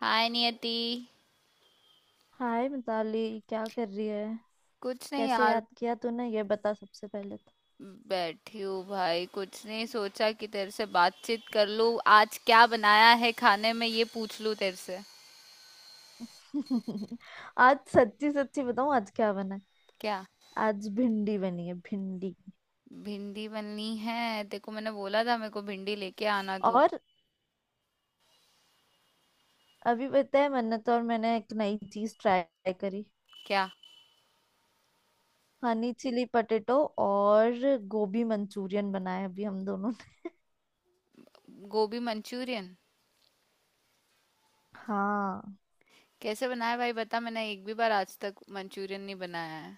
हाय Niyati. Hi Mitali. क्या कर रही है? कुछ नहीं कैसे यार। याद किया तूने ये बता सबसे पहले। बैठी हूँ भाई, कुछ नहीं, सोचा कि तेरे से बातचीत कर लूँ, आज क्या बनाया है खाने में ये पूछ लूँ तेरे से। तो आज सच्ची सच्ची बताऊं आज क्या बना है? क्या? आज भिंडी बनी है भिंडी। भिंडी बननी है, देखो मैंने बोला था मेरे को भिंडी लेके आना तू। और अभी पता है मन्नत और मैंने एक नई चीज ट्राई करी। क्या? Honey chilli potato. और गोभी मंचूरियन बनाया अभी हम दोनों ने। गोभी मंचूरियन? हाँ। कैसे बनाया भाई बता, मैंने एक भी बार आज तक मंचूरियन नहीं बनाया है।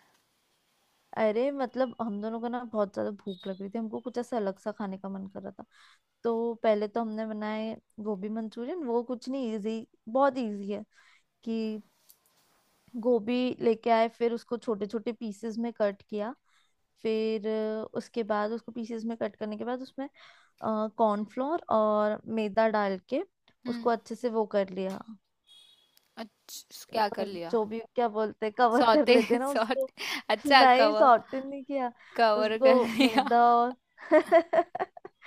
अरे मतलब हम दोनों को ना बहुत ज्यादा भूख लग रही थी। हमको कुछ ऐसा अलग सा खाने का मन कर रहा था। तो पहले तो हमने बनाए गोभी मंचूरियन। वो कुछ नहीं, इजी बहुत इजी है कि गोभी लेके आए, फिर उसको छोटे छोटे पीसेस में कट किया। फिर उसके बाद उसको पीसेस में कट करने के बाद उसमें कॉर्नफ्लोर और मैदा डाल के हम्म। उसको अच्छे से वो कर लिया। अच्छा अ, क्या कर लिया? जो भी क्या बोलते हैं, कवर कर सौते लेते हैं ना उसको। सौते। अच्छा, नहीं, कवर। सॉर्टेड नहीं किया कवर कर उसको। लिया। मैदा और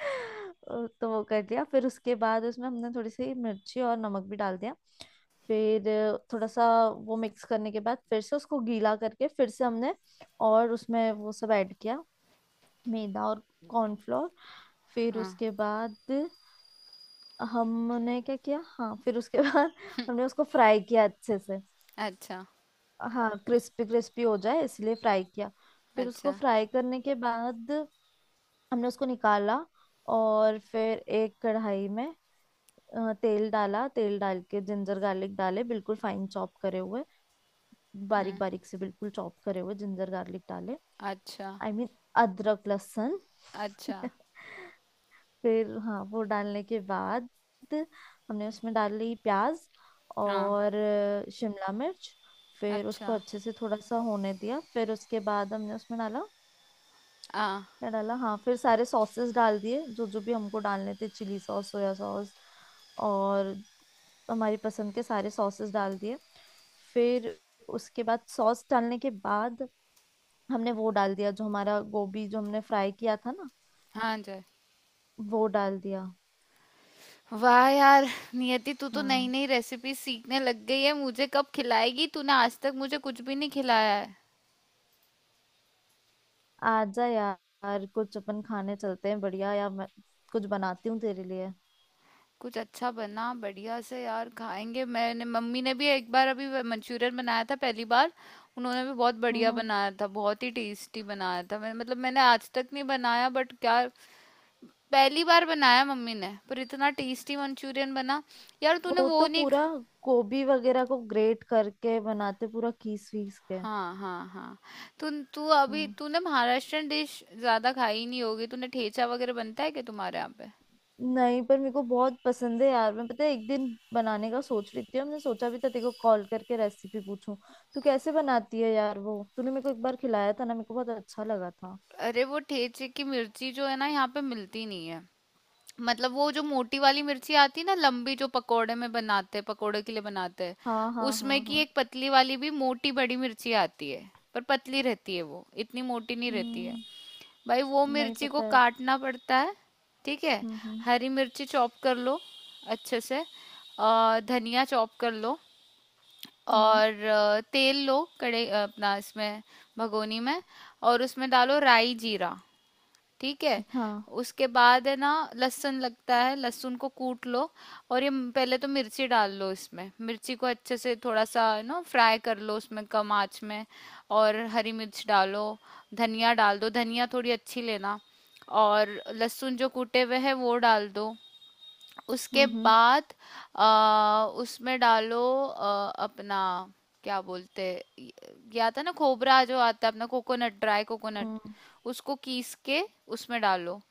और तो वो कर दिया। फिर उसके बाद उसमें हमने थोड़ी सी मिर्ची और नमक भी डाल दिया। फिर थोड़ा सा वो मिक्स करने के बाद फिर से उसको गीला करके फिर से हमने और उसमें वो सब ऐड किया। मैदा और कॉर्नफ्लोर। फिर हाँ। उसके बाद हमने क्या किया? हाँ फिर उसके बाद हमने उसको फ्राई किया अच्छे से। अच्छा। हाँ क्रिस्पी क्रिस्पी हो जाए इसलिए फ्राई किया। फिर उसको अच्छा। फ्राई करने के बाद हमने उसको निकाला और फिर एक कढ़ाई में तेल डाला। तेल डाल के जिंजर गार्लिक डाले, बिल्कुल फाइन चॉप करे हुए, बारीक हम्म। बारीक से बिल्कुल चॉप करे हुए जिंजर गार्लिक डाले। अच्छा, आई I मीन mean, अदरक लहसुन। अच्छा। फिर हाँ वो डालने के बाद हमने उसमें डाली प्याज हाँ, और शिमला मिर्च। फिर उसको अच्छा। अच्छे से थोड़ा सा होने दिया, फिर उसके बाद हमने उसमें डाला। हाँ, क्या डाला? हाँ फिर सारे सॉसेस डाल दिए जो जो भी हमको डालने थे। चिली सॉस, सोया सॉस और हमारी पसंद के सारे सॉसेस डाल दिए। फिर उसके बाद सॉस डालने के बाद हमने वो डाल दिया, जो हमारा गोभी जो हमने फ्राई किया था ना, हाँ जी। वो डाल दिया। वाह यार! नियति तू तो हाँ नई-नई रेसिपी सीखने लग गई है। मुझे कब खिलाएगी? तूने आज तक मुझे कुछ भी नहीं खिलाया है। आजा यार, कुछ अपन खाने चलते हैं बढ़िया, या मैं कुछ बनाती हूँ तेरे लिए। कुछ अच्छा बना बढ़िया से यार खाएँगे। मैंने मम्मी ने भी एक बार अभी व मंचूरियन बनाया था पहली बार। उन्होंने भी बहुत हम्म बढ़िया हम्म। बनाया था, बहुत ही टेस्टी बनाया था। मैं मतलब मैंने आज तक नहीं बनाया बट क्या। पहली बार बनाया मम्मी ने, पर इतना टेस्टी मंचूरियन बना। यार तूने वो वो तो नहीं ख पूरा गोभी वगैरह को ग्रेट करके बनाते, पूरा खीस वीस के। हाँ, हाँ, हाँ। तू तू अभी हम्म। तूने महाराष्ट्रन डिश ज्यादा खाई नहीं होगी, तूने ठेचा वगैरह बनता है क्या तुम्हारे यहाँ पे? नहीं पर मेरे को बहुत पसंद है यार। मैं, पता है, एक दिन बनाने का सोच रही थी और मैंने सोचा भी था तेरे को कॉल करके रेसिपी पूछूं तू कैसे बनाती है यार। वो तूने मेरे को एक बार खिलाया था ना, मेरे को बहुत अच्छा लगा था। अरे वो ठेचे की मिर्ची जो है ना यहाँ पे मिलती नहीं है। मतलब वो जो मोटी वाली मिर्ची आती है ना, लंबी, जो पकोड़े में बनाते हैं, पकोड़े के लिए बनाते हैं, हाँ हाँ उसमें हाँ की हाँ। एक पतली वाली भी मोटी बड़ी मिर्ची आती है, पर पतली रहती है, वो इतनी मोटी नहीं रहती है। हम्म। भाई वो नहीं, मिर्ची को पता है। काटना पड़ता है। ठीक है। हम्म। हरी मिर्ची चॉप कर लो अच्छे से। और धनिया चॉप कर लो। हम्म। और तेल लो कड़े अपना इसमें, भगोनी में। और उसमें डालो राई जीरा। ठीक है। हाँ। उसके बाद है ना, लहसुन लगता है, लहसुन को कूट लो। और ये पहले तो मिर्ची डाल लो, इसमें मिर्ची को अच्छे से थोड़ा सा ना फ्राई कर लो उसमें कम आंच में। और हरी मिर्च डालो। धनिया डाल दो, धनिया थोड़ी अच्छी लेना। और लहसुन जो कूटे हुए है वो डाल दो। उसके हम्म। बाद उसमें डालो अपना क्या बोलते, ये आता है ना खोबरा जो आता है अपना, कोकोनट, ड्राई कोकोनट। हम्म उसको कीस के उसमें डालो।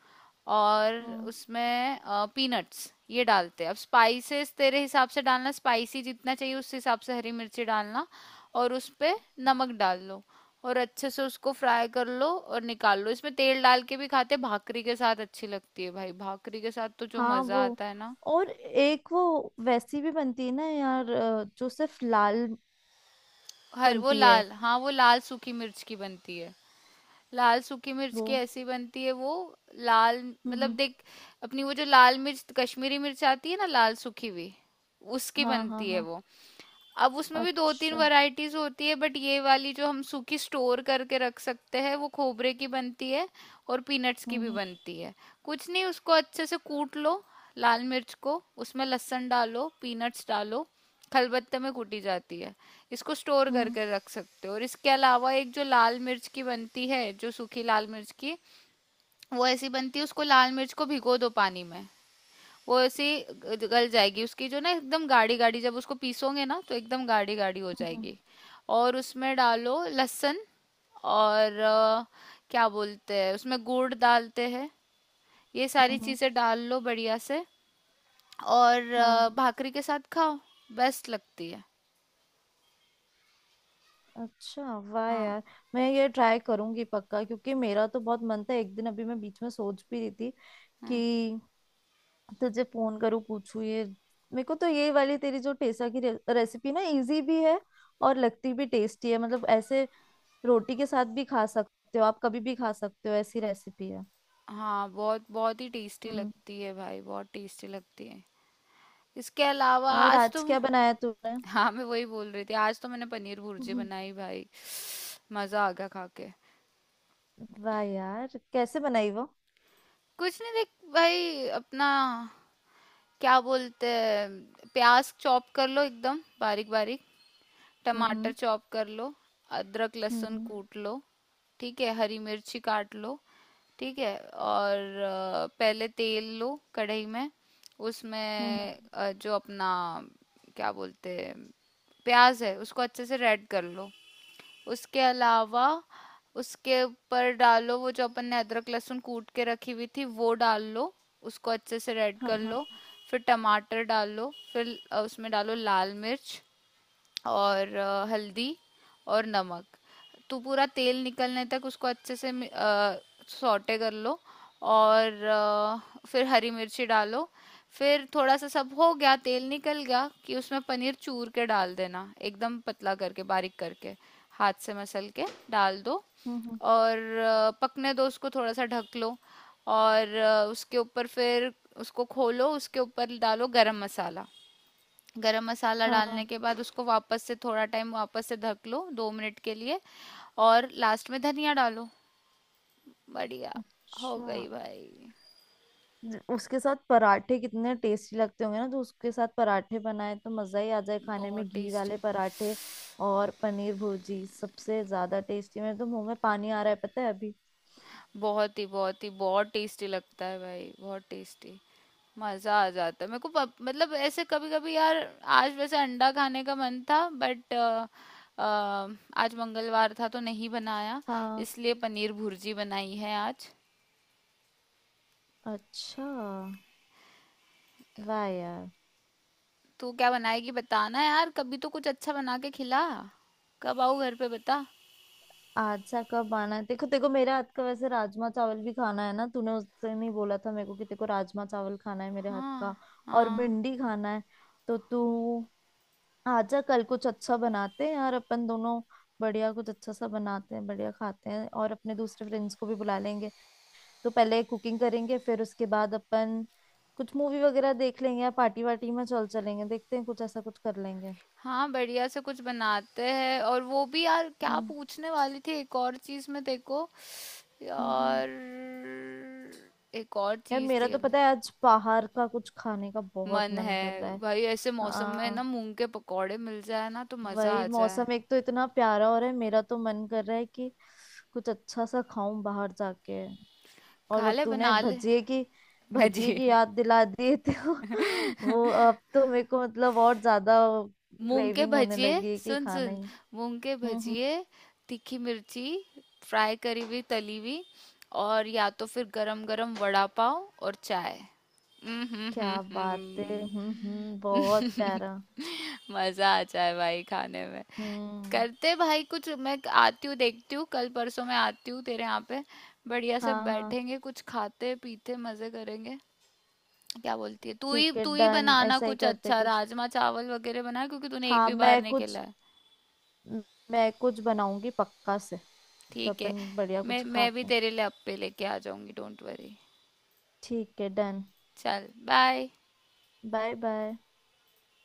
और हम्म। उसमें पीनट्स ये डालते हैं। अब स्पाइसेस तेरे हिसाब से डालना, स्पाइसी जितना चाहिए उस हिसाब से हरी मिर्ची डालना। और उस पे नमक डाल लो। और अच्छे से उसको फ्राई कर लो और निकाल लो। इसमें तेल डाल के भी खाते, भाकरी के साथ अच्छी लगती है भाई, भाकरी के साथ तो जो हाँ वो। मजा आता है ना। और एक वो वैसी भी बनती है ना यार, जो सिर्फ लाल हर वो बनती है लाल, हाँ वो लाल सूखी मिर्च की बनती है। लाल सूखी मिर्च की वो। ऐसी बनती है वो। लाल, हम्म मतलब हम्म, देख, अपनी वो जो लाल मिर्च, कश्मीरी मिर्च आती है ना लाल सूखी भी, उसकी हाँ हाँ बनती है हाँ। वो। अब उसमें भी दो तीन अच्छा। वैरायटीज होती है, बट ये वाली जो हम सूखी स्टोर करके रख सकते हैं वो खोबरे की बनती है। और पीनट्स की भी हम्म बनती है। कुछ नहीं उसको अच्छे से कूट लो, लाल मिर्च को, उसमें लहसुन डालो, पीनट्स डालो, खलबत्ते में कूटी जाती है। इसको स्टोर हम्म। करके रख सकते हो। और इसके अलावा एक जो लाल मिर्च की बनती है, जो सूखी लाल मिर्च की, वो ऐसी बनती है। उसको, लाल मिर्च को भिगो दो पानी में, वो ऐसी गल जाएगी, उसकी जो ना एकदम गाढ़ी गाढ़ी, जब उसको पीसोगे ना तो एकदम गाढ़ी गाढ़ी हो हम्म। जाएगी। और उसमें डालो लहसुन। और क्या बोलते हैं, उसमें गुड़ डालते हैं। ये सारी हम्म, हम्म। चीज़ें डाल लो बढ़िया से। और हाँ। भाकरी के साथ खाओ, बेस्ट लगती है। अच्छा, वाह हाँ, यार, मैं ये ट्राई करूंगी पक्का, क्योंकि मेरा तो बहुत मन था। एक दिन अभी मैं बीच में सोच भी रही थी हाँ, कि तुझे फोन करूँ पूछूं ये। मेरे को तो ये वाली तेरी जो टेसा की रेसिपी ना, इजी भी है और लगती भी टेस्टी है। मतलब ऐसे रोटी के साथ भी खा सकते हो, आप कभी भी खा सकते हो, ऐसी रेसिपी है। हाँ, बहुत, बहुत ही टेस्टी हम्म। लगती है भाई, बहुत टेस्टी लगती है। इसके अलावा और आज आज तो क्या बनाया तूने? हाँ मैं वही बोल रही थी, आज तो मैंने पनीर भुर्जी हम्म, बनाई भाई। मजा आ गया खा के। वाह यार कैसे बनाई वो? कुछ नहीं देख, भाई अपना क्या बोलते हैं, प्याज चॉप कर लो एकदम बारीक बारीक। टमाटर हम्म चॉप कर लो। अदरक हम्म। लहसुन कूट लो। ठीक है, हरी मिर्ची काट लो। ठीक है, और पहले तेल लो कढ़ाई में। हम्म। उसमें जो अपना क्या बोलते हैं, प्याज है उसको अच्छे से रेड कर लो। उसके अलावा उसके ऊपर डालो वो जो अपन ने अदरक लहसुन कूट के रखी हुई थी, वो डाल लो। उसको अच्छे से रेड हाँ कर हाँ। लो। फिर टमाटर डालो। फिर उसमें डालो लाल मिर्च और हल्दी और नमक। तो पूरा तेल निकलने तक उसको अच्छे से सौटे कर लो। और फिर हरी मिर्ची डालो। फिर थोड़ा सा सब हो गया, तेल निकल गया, कि उसमें पनीर चूर के डाल देना एकदम पतला करके बारीक करके, हाथ से मसल के डाल दो। हम्म हम्म, और पकने दो उसको, थोड़ा सा ढक लो। और उसके ऊपर फिर उसको खोलो, उसके ऊपर डालो गरम मसाला। गरम मसाला हाँ डालने हाँ। के बाद उसको वापस से थोड़ा टाइम वापस से ढक लो 2 मिनट के लिए। और लास्ट में धनिया डालो। बढ़िया, हो अच्छा। गई भाई। उसके साथ पराठे कितने टेस्टी लगते होंगे ना। तो उसके साथ पराठे बनाए तो मजा ही आ जाए खाने बहुत में, घी वाले टेस्टी, पराठे। और पनीर भुर्जी सबसे ज्यादा टेस्टी। मेरे तो मुंह में पानी आ रहा है, पता है, अभी। बहुत ही बहुत ही बहुत टेस्टी लगता है भाई, बहुत टेस्टी। मज़ा आ जाता है मेरे को मतलब ऐसे कभी कभी यार। आज वैसे अंडा खाने का मन था बट आज मंगलवार था तो नहीं बनाया। हाँ। इसलिए पनीर भुर्जी बनाई है आज। अच्छा, वाह यार। तू क्या बनाएगी बताना यार, कभी तो कुछ अच्छा बना के खिला। कब आऊँ घर पे बता। आज सा कब आना है, देखो देखो मेरे हाथ का वैसे राजमा चावल भी खाना है ना। तूने उस दिन ही बोला था मेरे को कि तेको राजमा चावल खाना है मेरे हाथ हाँ, का। और हाँ, भिंडी खाना है। तो तू आजा, कल कुछ अच्छा बनाते हैं यार अपन दोनों। बढ़िया कुछ अच्छा सा बनाते हैं, बढ़िया खाते हैं और अपने दूसरे फ्रेंड्स को भी बुला लेंगे। तो पहले कुकिंग करेंगे, फिर उसके बाद अपन कुछ मूवी वगैरह देख लेंगे या पार्टी वार्टी में चल चलेंगे। देखते हैं, कुछ ऐसा कुछ कर लेंगे। हाँ, बढ़िया से कुछ बनाते हैं। और वो भी यार क्या हम्म पूछने वाली थी एक और चीज़, में देखो हम्म। यार, एक और यार चीज़ मेरा थी तो, अब। पता है, आज बाहर का कुछ खाने का बहुत मन मन कर है। रहा है। भाई ऐसे मौसम में ना हाँ मूंग के पकौड़े मिल जाए ना तो मज़ा वही आ जाए। मौसम एक तो इतना प्यारा हो रहा है, मेरा तो मन कर रहा है कि कुछ अच्छा सा खाऊं बाहर जाके। और खा अब ले, तूने बना ले। भजिए भजी, की याद दिला दी तो वो अब तो मेरे को मतलब और ज्यादा मूंग के क्रेविंग होने भजिए। लगी है कि सुन खाना ही। सुन, मूंग के हम्म। भजिए, तीखी मिर्ची फ्राई करी हुई, तली हुई। और या तो फिर गरम गरम वड़ा पाव और चाय। क्या बात है, हम्म, बहुत प्यारा। मजा आ जाए भाई खाने में। हम्म। करते भाई कुछ। मैं आती हूँ देखती हूँ, कल परसों मैं आती हूँ तेरे यहाँ पे। बढ़िया से हाँ हाँ। बैठेंगे, कुछ खाते पीते मजे करेंगे। क्या बोलती है? तू ही, ठीक है तू ही डन, बनाना ऐसा ही कुछ करते अच्छा, कुछ। राजमा चावल वगैरह बना क्योंकि तूने एक हाँ भी बार मैं नहीं खेला कुछ है। म- मैं कुछ बनाऊंगी पक्का से। फिर ठीक है। अपन बढ़िया मैं कुछ मैं भी खाते हैं। तेरे लिए अप्पे लेके आ जाऊंगी, डोंट वरी। ठीक है डन। चल, बाय। Bye bye.